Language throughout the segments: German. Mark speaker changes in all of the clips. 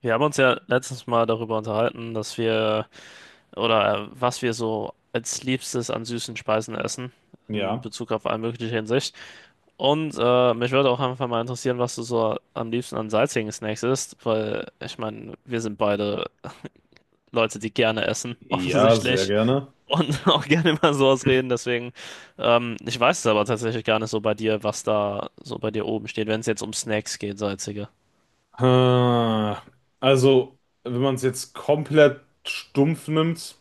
Speaker 1: Wir haben uns ja letztens mal darüber unterhalten, dass wir oder was wir so als Liebstes an süßen Speisen essen, in
Speaker 2: Ja,
Speaker 1: Bezug auf alle mögliche Hinsicht. Und mich würde auch einfach mal interessieren, was du so am liebsten an salzigen Snacks isst, weil ich meine, wir sind beide Leute, die gerne essen,
Speaker 2: ja, sehr
Speaker 1: offensichtlich,
Speaker 2: gerne.
Speaker 1: und auch gerne über sowas reden. Deswegen, ich weiß es aber tatsächlich gar nicht so bei dir, was da so bei dir oben steht, wenn es jetzt um Snacks geht, salzige.
Speaker 2: Ah, Also, wenn man es jetzt komplett stumpf nimmt,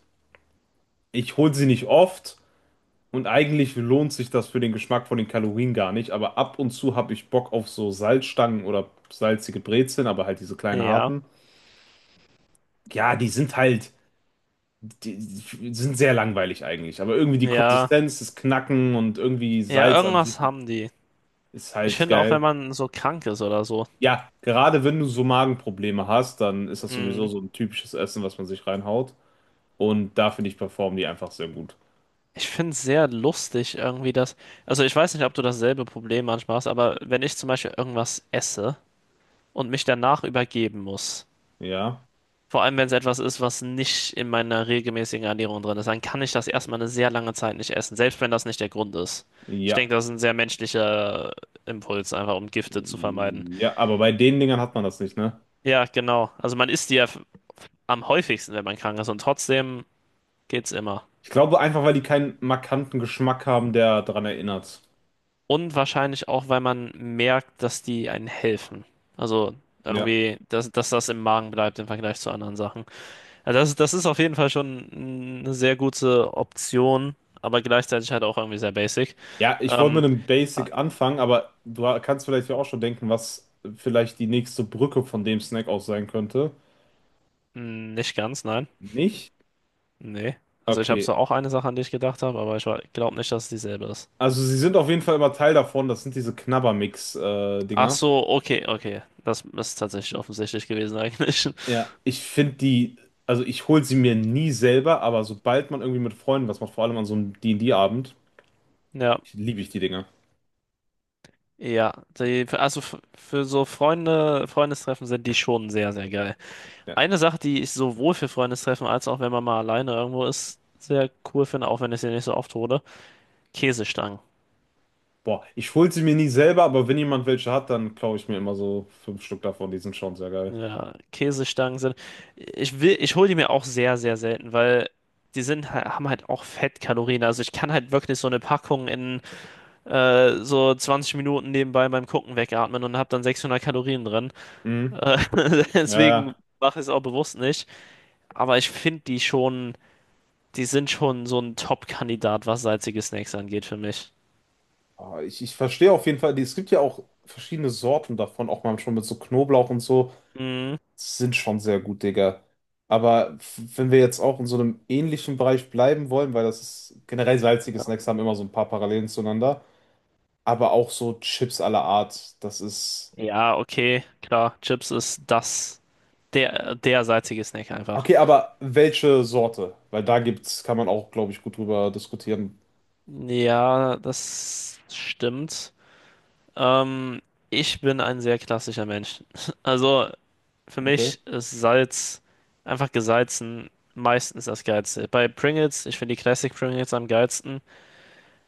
Speaker 2: ich hole sie nicht oft und eigentlich lohnt sich das für den Geschmack von den Kalorien gar nicht, aber ab und zu habe ich Bock auf so Salzstangen oder salzige Brezeln, aber halt diese kleinen
Speaker 1: Ja,
Speaker 2: harten. Ja, die sind halt, die sind sehr langweilig eigentlich, aber irgendwie die
Speaker 1: ja,
Speaker 2: Konsistenz, das Knacken und irgendwie
Speaker 1: ja,
Speaker 2: Salz an
Speaker 1: irgendwas
Speaker 2: sich
Speaker 1: haben die.
Speaker 2: ist
Speaker 1: Ich
Speaker 2: halt
Speaker 1: finde auch, wenn
Speaker 2: geil.
Speaker 1: man so krank ist oder so,
Speaker 2: Ja, gerade wenn du so Magenprobleme hast, dann ist das sowieso
Speaker 1: mh,
Speaker 2: so ein typisches Essen, was man sich reinhaut. Und da finde ich, performen die einfach sehr gut.
Speaker 1: ich finde es sehr lustig irgendwie, also ich weiß nicht, ob du dasselbe Problem manchmal hast, aber wenn ich zum Beispiel irgendwas esse und mich danach übergeben muss,
Speaker 2: Ja,
Speaker 1: vor allem wenn es etwas ist, was nicht in meiner regelmäßigen Ernährung drin ist, dann kann ich das erstmal eine sehr lange Zeit nicht essen, selbst wenn das nicht der Grund ist. Ich
Speaker 2: ja,
Speaker 1: denke, das ist ein sehr menschlicher Impuls, einfach um Gifte zu vermeiden.
Speaker 2: ja, aber bei den Dingern hat man das nicht, ne?
Speaker 1: Ja, genau. Also man isst die ja am häufigsten, wenn man krank ist und trotzdem geht's immer.
Speaker 2: Ich glaube einfach, weil die keinen markanten Geschmack haben, der daran erinnert.
Speaker 1: Und wahrscheinlich auch, weil man merkt, dass die einen helfen. Also
Speaker 2: Ja.
Speaker 1: irgendwie, dass das im Magen bleibt im Vergleich zu anderen Sachen. Also das ist auf jeden Fall schon eine sehr gute Option, aber gleichzeitig halt auch irgendwie sehr basic.
Speaker 2: Ja, ich wollte mit
Speaker 1: Ähm,
Speaker 2: einem
Speaker 1: ah,
Speaker 2: Basic anfangen, aber du kannst vielleicht ja auch schon denken, was vielleicht die nächste Brücke von dem Snack aus sein könnte.
Speaker 1: nicht ganz, nein.
Speaker 2: Nicht?
Speaker 1: Nee. Also ich habe
Speaker 2: Okay.
Speaker 1: zwar auch eine Sache, an die ich gedacht habe, aber ich glaube nicht, dass es dieselbe ist.
Speaker 2: Also sie sind auf jeden Fall immer Teil davon. Das sind diese
Speaker 1: Ach
Speaker 2: Knabbermix-Dinger.
Speaker 1: so, okay, okay. Das ist tatsächlich offensichtlich gewesen eigentlich.
Speaker 2: Ja, ich finde die, also ich hole sie mir nie selber, aber sobald man irgendwie mit Freunden was macht, vor allem an so einem D&D-Abend,
Speaker 1: Ja.
Speaker 2: liebe ich die Dinger.
Speaker 1: Ja, die, also für so Freunde, Freundestreffen sind die schon sehr, sehr geil.
Speaker 2: Ja.
Speaker 1: Eine Sache, die ich sowohl für Freundestreffen als auch wenn man mal alleine irgendwo ist, sehr cool finde, auch wenn ich sie nicht so oft hole, Käsestangen.
Speaker 2: Boah, ich hole sie mir nie selber, aber wenn jemand welche hat, dann klaue ich mir immer so fünf Stück davon. Die sind schon sehr geil.
Speaker 1: Ja, Käsestangen sind, ich will, ich hole die mir auch sehr, sehr selten, weil die sind, haben halt auch Fettkalorien. Also ich kann halt wirklich so eine Packung in so 20 Minuten nebenbei beim Gucken wegatmen und habe dann 600 Kalorien drin.
Speaker 2: Mhm.
Speaker 1: Äh,
Speaker 2: Ja,
Speaker 1: Deswegen
Speaker 2: ja.
Speaker 1: mache ich es auch bewusst nicht. Aber ich finde die schon, die sind schon so ein Top-Kandidat, was salzige Snacks angeht für mich.
Speaker 2: Aber ich verstehe auf jeden Fall, die- es gibt ja auch verschiedene Sorten davon, auch mal schon mit so Knoblauch und so.
Speaker 1: Mhm.
Speaker 2: Sind schon sehr gut, Digga. Aber f- wenn wir jetzt auch in so einem ähnlichen Bereich bleiben wollen, weil das ist generell salzige Snacks haben immer so ein paar Parallelen zueinander. Aber auch so Chips aller Art. Das ist.
Speaker 1: Ja, okay, klar. Chips ist das, der salzige Snack einfach.
Speaker 2: Okay, aber welche Sorte? Weil da gibt's, kann man auch, glaube ich, gut drüber diskutieren.
Speaker 1: Ja, das stimmt. Ähm, ich bin ein sehr klassischer Mensch. Also für
Speaker 2: Okay.
Speaker 1: mich ist Salz einfach gesalzen meistens das Geilste. Bei Pringles, ich finde die Classic Pringles am geilsten.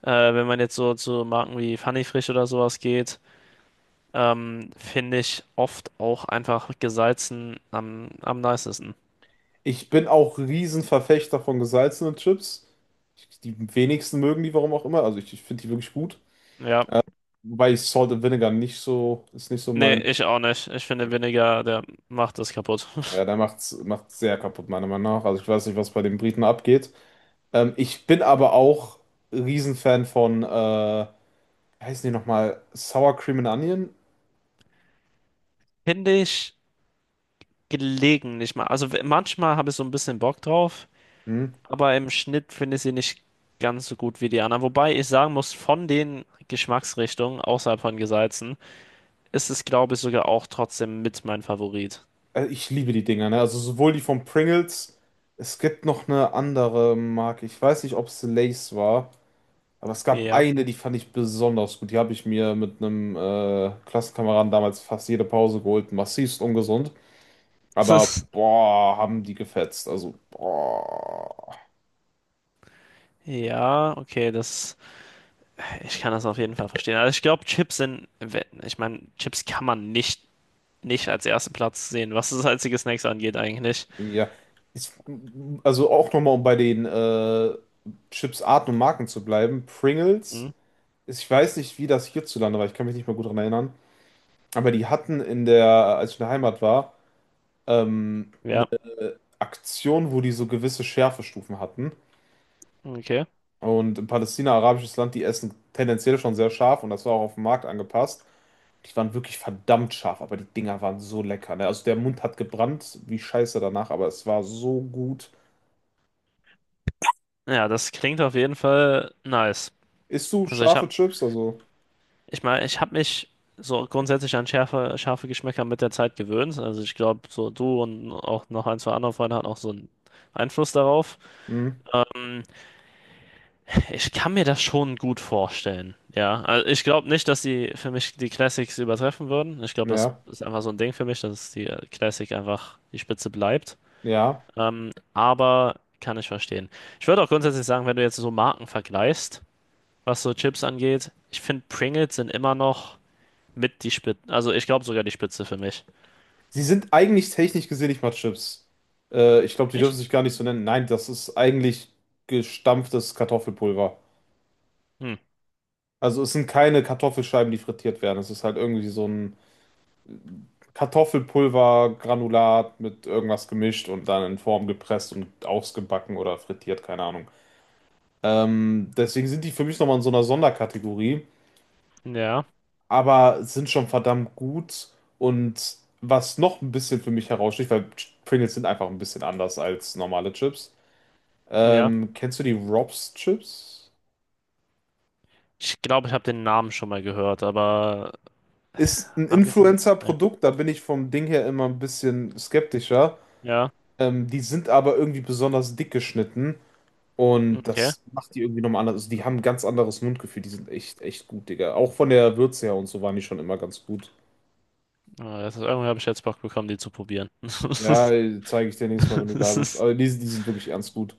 Speaker 1: Wenn man jetzt so zu Marken wie Funny Frisch oder sowas geht. Finde ich oft auch einfach gesalzen am nicesten.
Speaker 2: Ich bin auch Riesenverfechter von gesalzenen Chips. Ich- die wenigsten mögen die, warum auch immer. Also ich finde die wirklich gut.
Speaker 1: Ja,
Speaker 2: Wobei ich Salt and Vinegar nicht so, ist nicht so
Speaker 1: nee,
Speaker 2: mein.
Speaker 1: ich auch nicht. Ich finde Vinegar, der macht das kaputt.
Speaker 2: Ja, da macht's sehr kaputt, meiner Meinung nach. Also ich weiß nicht, was bei den Briten abgeht. Ich bin aber auch Riesenfan von, wie heißen die nochmal? Sour Cream and Onion?
Speaker 1: Finde ich gelegentlich mal. Also manchmal habe ich so ein bisschen Bock drauf,
Speaker 2: Hm?
Speaker 1: aber im Schnitt finde ich sie nicht ganz so gut wie die anderen. Wobei ich sagen muss, von den Geschmacksrichtungen außerhalb von gesalzen ist es, glaube ich, sogar auch trotzdem mit mein Favorit.
Speaker 2: Ich liebe die Dinger, ne? Also sowohl die von Pringles, es gibt noch eine andere Marke. Ich weiß nicht, ob es Lay's war, aber es gab
Speaker 1: Ja.
Speaker 2: eine, die fand ich besonders gut. Die habe ich mir mit einem Klassenkameraden damals fast jede Pause geholt. Massivst ungesund. Aber boah, haben die gefetzt. Also boah.
Speaker 1: Ja, okay, das. Ich kann das auf jeden Fall verstehen. Also ich glaube, Chips sind, ich meine, Chips kann man nicht als ersten Platz sehen, was das salzige Snacks angeht eigentlich.
Speaker 2: Ja. Ich, also auch nochmal, um bei den Chips Arten und Marken zu bleiben. Pringles,
Speaker 1: Hm?
Speaker 2: ist- ich weiß nicht, wie das hierzulande war. Ich kann mich nicht mehr gut daran erinnern. Aber die hatten in der, als ich in der Heimat war, ähm,
Speaker 1: Ja,
Speaker 2: Aktionen, wo die so gewisse Schärfestufen hatten.
Speaker 1: okay.
Speaker 2: Und in Palästina, arabisches Land, die essen tendenziell schon sehr scharf und das war auch auf den Markt angepasst. Die waren wirklich verdammt scharf, aber die Dinger waren so lecker. Ne? Also der Mund hat gebrannt wie Scheiße danach, aber es war so gut.
Speaker 1: Ja, das klingt auf jeden Fall nice.
Speaker 2: Isst du
Speaker 1: Also ich
Speaker 2: scharfe
Speaker 1: habe,
Speaker 2: Chips? Also,
Speaker 1: ich meine, ich habe mich so grundsätzlich an scharfe Geschmäcker mit der Zeit gewöhnt. Also ich glaube, so du und auch noch ein, zwei andere Freunde hatten auch so einen Einfluss darauf.
Speaker 2: hm,
Speaker 1: Ähm, Ich kann mir das schon gut vorstellen. Ja, also ich glaube nicht, dass die für mich die Classics übertreffen würden. Ich glaube, das
Speaker 2: ja,
Speaker 1: ist einfach so ein Ding für mich, dass die Classic einfach die Spitze bleibt.
Speaker 2: ja.
Speaker 1: Aber kann ich verstehen. Ich würde auch grundsätzlich sagen, wenn du jetzt so Marken vergleichst, was so Chips angeht, ich finde Pringles sind immer noch mit die Spitze, also ich glaube sogar die Spitze für mich.
Speaker 2: Sie sind eigentlich technisch gesehen nicht mal Chips. Ich glaube, die dürfen
Speaker 1: Echt?
Speaker 2: sich gar nicht so nennen. Nein, das ist eigentlich gestampftes Kartoffelpulver.
Speaker 1: Hm.
Speaker 2: Also es sind keine Kartoffelscheiben, die frittiert werden. Es ist halt irgendwie so ein Kartoffelpulvergranulat mit irgendwas gemischt und dann in Form gepresst und ausgebacken oder frittiert, keine Ahnung. Deswegen sind die für mich nochmal in so einer Sonderkategorie,
Speaker 1: Ja,
Speaker 2: aber sind schon verdammt gut. Und was noch ein bisschen für mich heraussticht, weil Pringles sind einfach ein bisschen anders als normale Chips.
Speaker 1: ja.
Speaker 2: Kennst du die Rob's Chips?
Speaker 1: Ich glaube, ich habe den Namen schon mal gehört, aber
Speaker 2: Ist ein
Speaker 1: abgesehen, ne.
Speaker 2: Influencer-Produkt, da bin ich vom Ding her immer ein bisschen skeptischer.
Speaker 1: Ja,
Speaker 2: Die sind aber irgendwie besonders dick geschnitten und
Speaker 1: okay.
Speaker 2: das macht die irgendwie nochmal anders. Also die haben ein ganz anderes Mundgefühl. Die sind echt, echt gut, Digga. Auch von der Würze her und so waren die schon immer ganz gut.
Speaker 1: Ah, das ist, irgendwie habe ich jetzt Bock bekommen, die zu probieren.
Speaker 2: Ja, zeige ich dir nächstes Mal, wenn du da bist. Aber die sind wirklich ernst gut.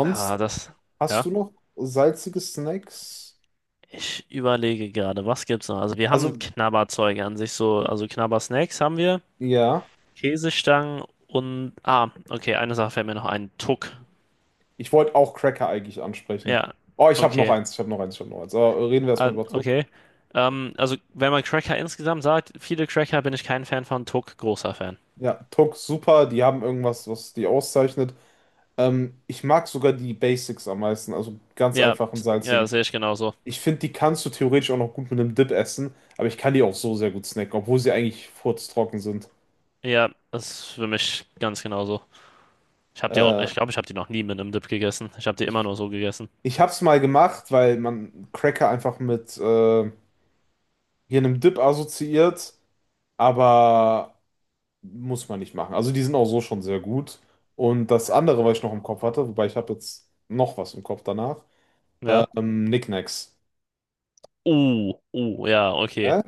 Speaker 1: Ah, das.
Speaker 2: hast
Speaker 1: Ja.
Speaker 2: du noch salzige Snacks?
Speaker 1: Ich überlege gerade, was gibt's noch? Also wir haben
Speaker 2: Also,
Speaker 1: Knabberzeug an sich, so, also Knabbersnacks haben wir,
Speaker 2: ja.
Speaker 1: Käsestangen und. Ah, okay, eine Sache fällt mir noch ein. Tuck.
Speaker 2: Ich wollte auch Cracker eigentlich ansprechen.
Speaker 1: Ja,
Speaker 2: Oh, ich habe noch
Speaker 1: okay.
Speaker 2: eins, ich habe noch eins, ich habe noch eins. Aber reden wir
Speaker 1: Ah,
Speaker 2: erstmal über Tuck.
Speaker 1: okay. Also wenn man Cracker insgesamt sagt, viele Cracker bin ich kein Fan von, Tuck großer Fan.
Speaker 2: Ja, Tuck, super. Die haben irgendwas, was die auszeichnet. Ich mag sogar die Basics am meisten, also ganz
Speaker 1: Ja,
Speaker 2: einfachen
Speaker 1: ja,
Speaker 2: salzigen.
Speaker 1: sehe ich genauso.
Speaker 2: Ich finde, die kannst du theoretisch auch noch gut mit einem Dip essen, aber ich kann die auch so sehr gut snacken, obwohl sie eigentlich furztrocken sind.
Speaker 1: Ja, das ist für mich ganz genauso. Ich habe die auch,
Speaker 2: Äh,
Speaker 1: ich glaube, ich habe die noch nie mit einem Dip gegessen. Ich habe die immer
Speaker 2: ich
Speaker 1: nur so gegessen.
Speaker 2: ich habe es mal gemacht, weil man Cracker einfach mit hier einem Dip assoziiert, aber muss man nicht machen. Also die sind auch so schon sehr gut. Und das andere, was ich noch im Kopf hatte, wobei ich habe jetzt noch was im Kopf danach,
Speaker 1: Ja.
Speaker 2: Knickknacks.
Speaker 1: Ja, okay.
Speaker 2: Hä?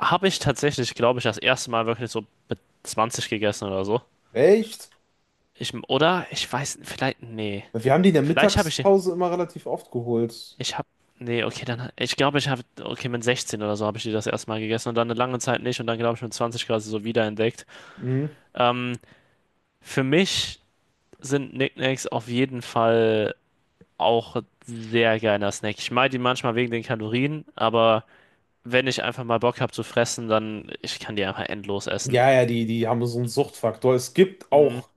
Speaker 1: Habe ich tatsächlich, glaube ich, das erste Mal wirklich so mit 20 gegessen oder so.
Speaker 2: Echt?
Speaker 1: Ich, oder? Ich weiß, vielleicht, nee.
Speaker 2: Wir haben die in der
Speaker 1: Vielleicht habe ich die,
Speaker 2: Mittagspause immer relativ oft geholt.
Speaker 1: ich habe, nee, okay, dann, ich glaube, ich habe, okay, mit 16 oder so habe ich die das erste Mal gegessen und dann eine lange Zeit nicht und dann, glaube ich, mit 20 quasi so wiederentdeckt.
Speaker 2: Mhm.
Speaker 1: Ähm, für mich sind Knickknacks auf jeden Fall auch ein sehr geiler Snack. Ich mag die manchmal wegen den Kalorien, aber wenn ich einfach mal Bock habe zu fressen, dann ich kann die einfach endlos essen.
Speaker 2: Ja, ja, die haben so einen Suchtfaktor. Es gibt
Speaker 1: Mhm.
Speaker 2: auch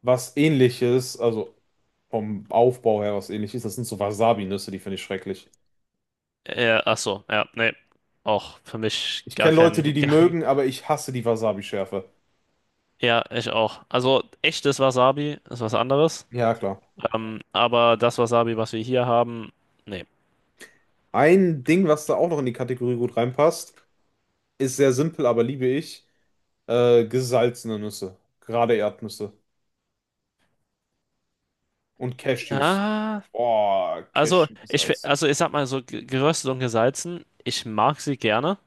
Speaker 2: was Ähnliches, also vom Aufbau her was Ähnliches. Das sind so Wasabi-Nüsse, die finde ich schrecklich.
Speaker 1: Ach so, ja, nee. Auch für mich
Speaker 2: Ich
Speaker 1: gar
Speaker 2: kenne Leute, die
Speaker 1: kein.
Speaker 2: die
Speaker 1: Gar,
Speaker 2: mögen, aber ich hasse die Wasabi-Schärfe.
Speaker 1: ja, ich auch. Also echtes Wasabi ist was anderes.
Speaker 2: Ja, klar.
Speaker 1: Aber das Wasabi, was wir hier haben, nee.
Speaker 2: Ein Ding, was da auch noch in die Kategorie gut reinpasst, ist sehr simpel, aber liebe ich. Gesalzene Nüsse. Gerade Erdnüsse. Und Cashews.
Speaker 1: Ah,
Speaker 2: Boah,
Speaker 1: also
Speaker 2: Cashew
Speaker 1: ich,
Speaker 2: gesalzen.
Speaker 1: also ich sag mal so geröstet und gesalzen. Ich mag sie gerne.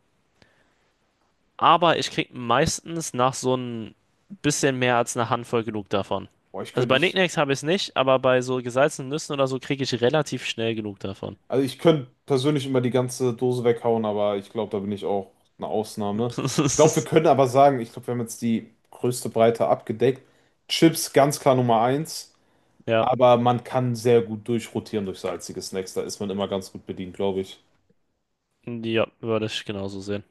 Speaker 1: Aber ich krieg meistens nach so ein bisschen mehr als einer Handvoll genug davon.
Speaker 2: Boah, ich
Speaker 1: Also
Speaker 2: könnte
Speaker 1: bei
Speaker 2: nicht.
Speaker 1: Nicknacks habe ich es nicht, aber bei so gesalzenen Nüssen oder so kriege ich relativ schnell genug davon.
Speaker 2: Also ich könnte persönlich immer die ganze Dose weghauen, aber ich glaube, da bin ich auch eine Ausnahme. Ich glaube, wir können aber sagen, ich glaube, wir haben jetzt die größte Breite abgedeckt. Chips ganz klar Nummer eins,
Speaker 1: Ja,
Speaker 2: aber man kann sehr gut durchrotieren durch salzige Snacks. Da ist man immer ganz gut bedient, glaube ich.
Speaker 1: ja, würde ich genauso sehen.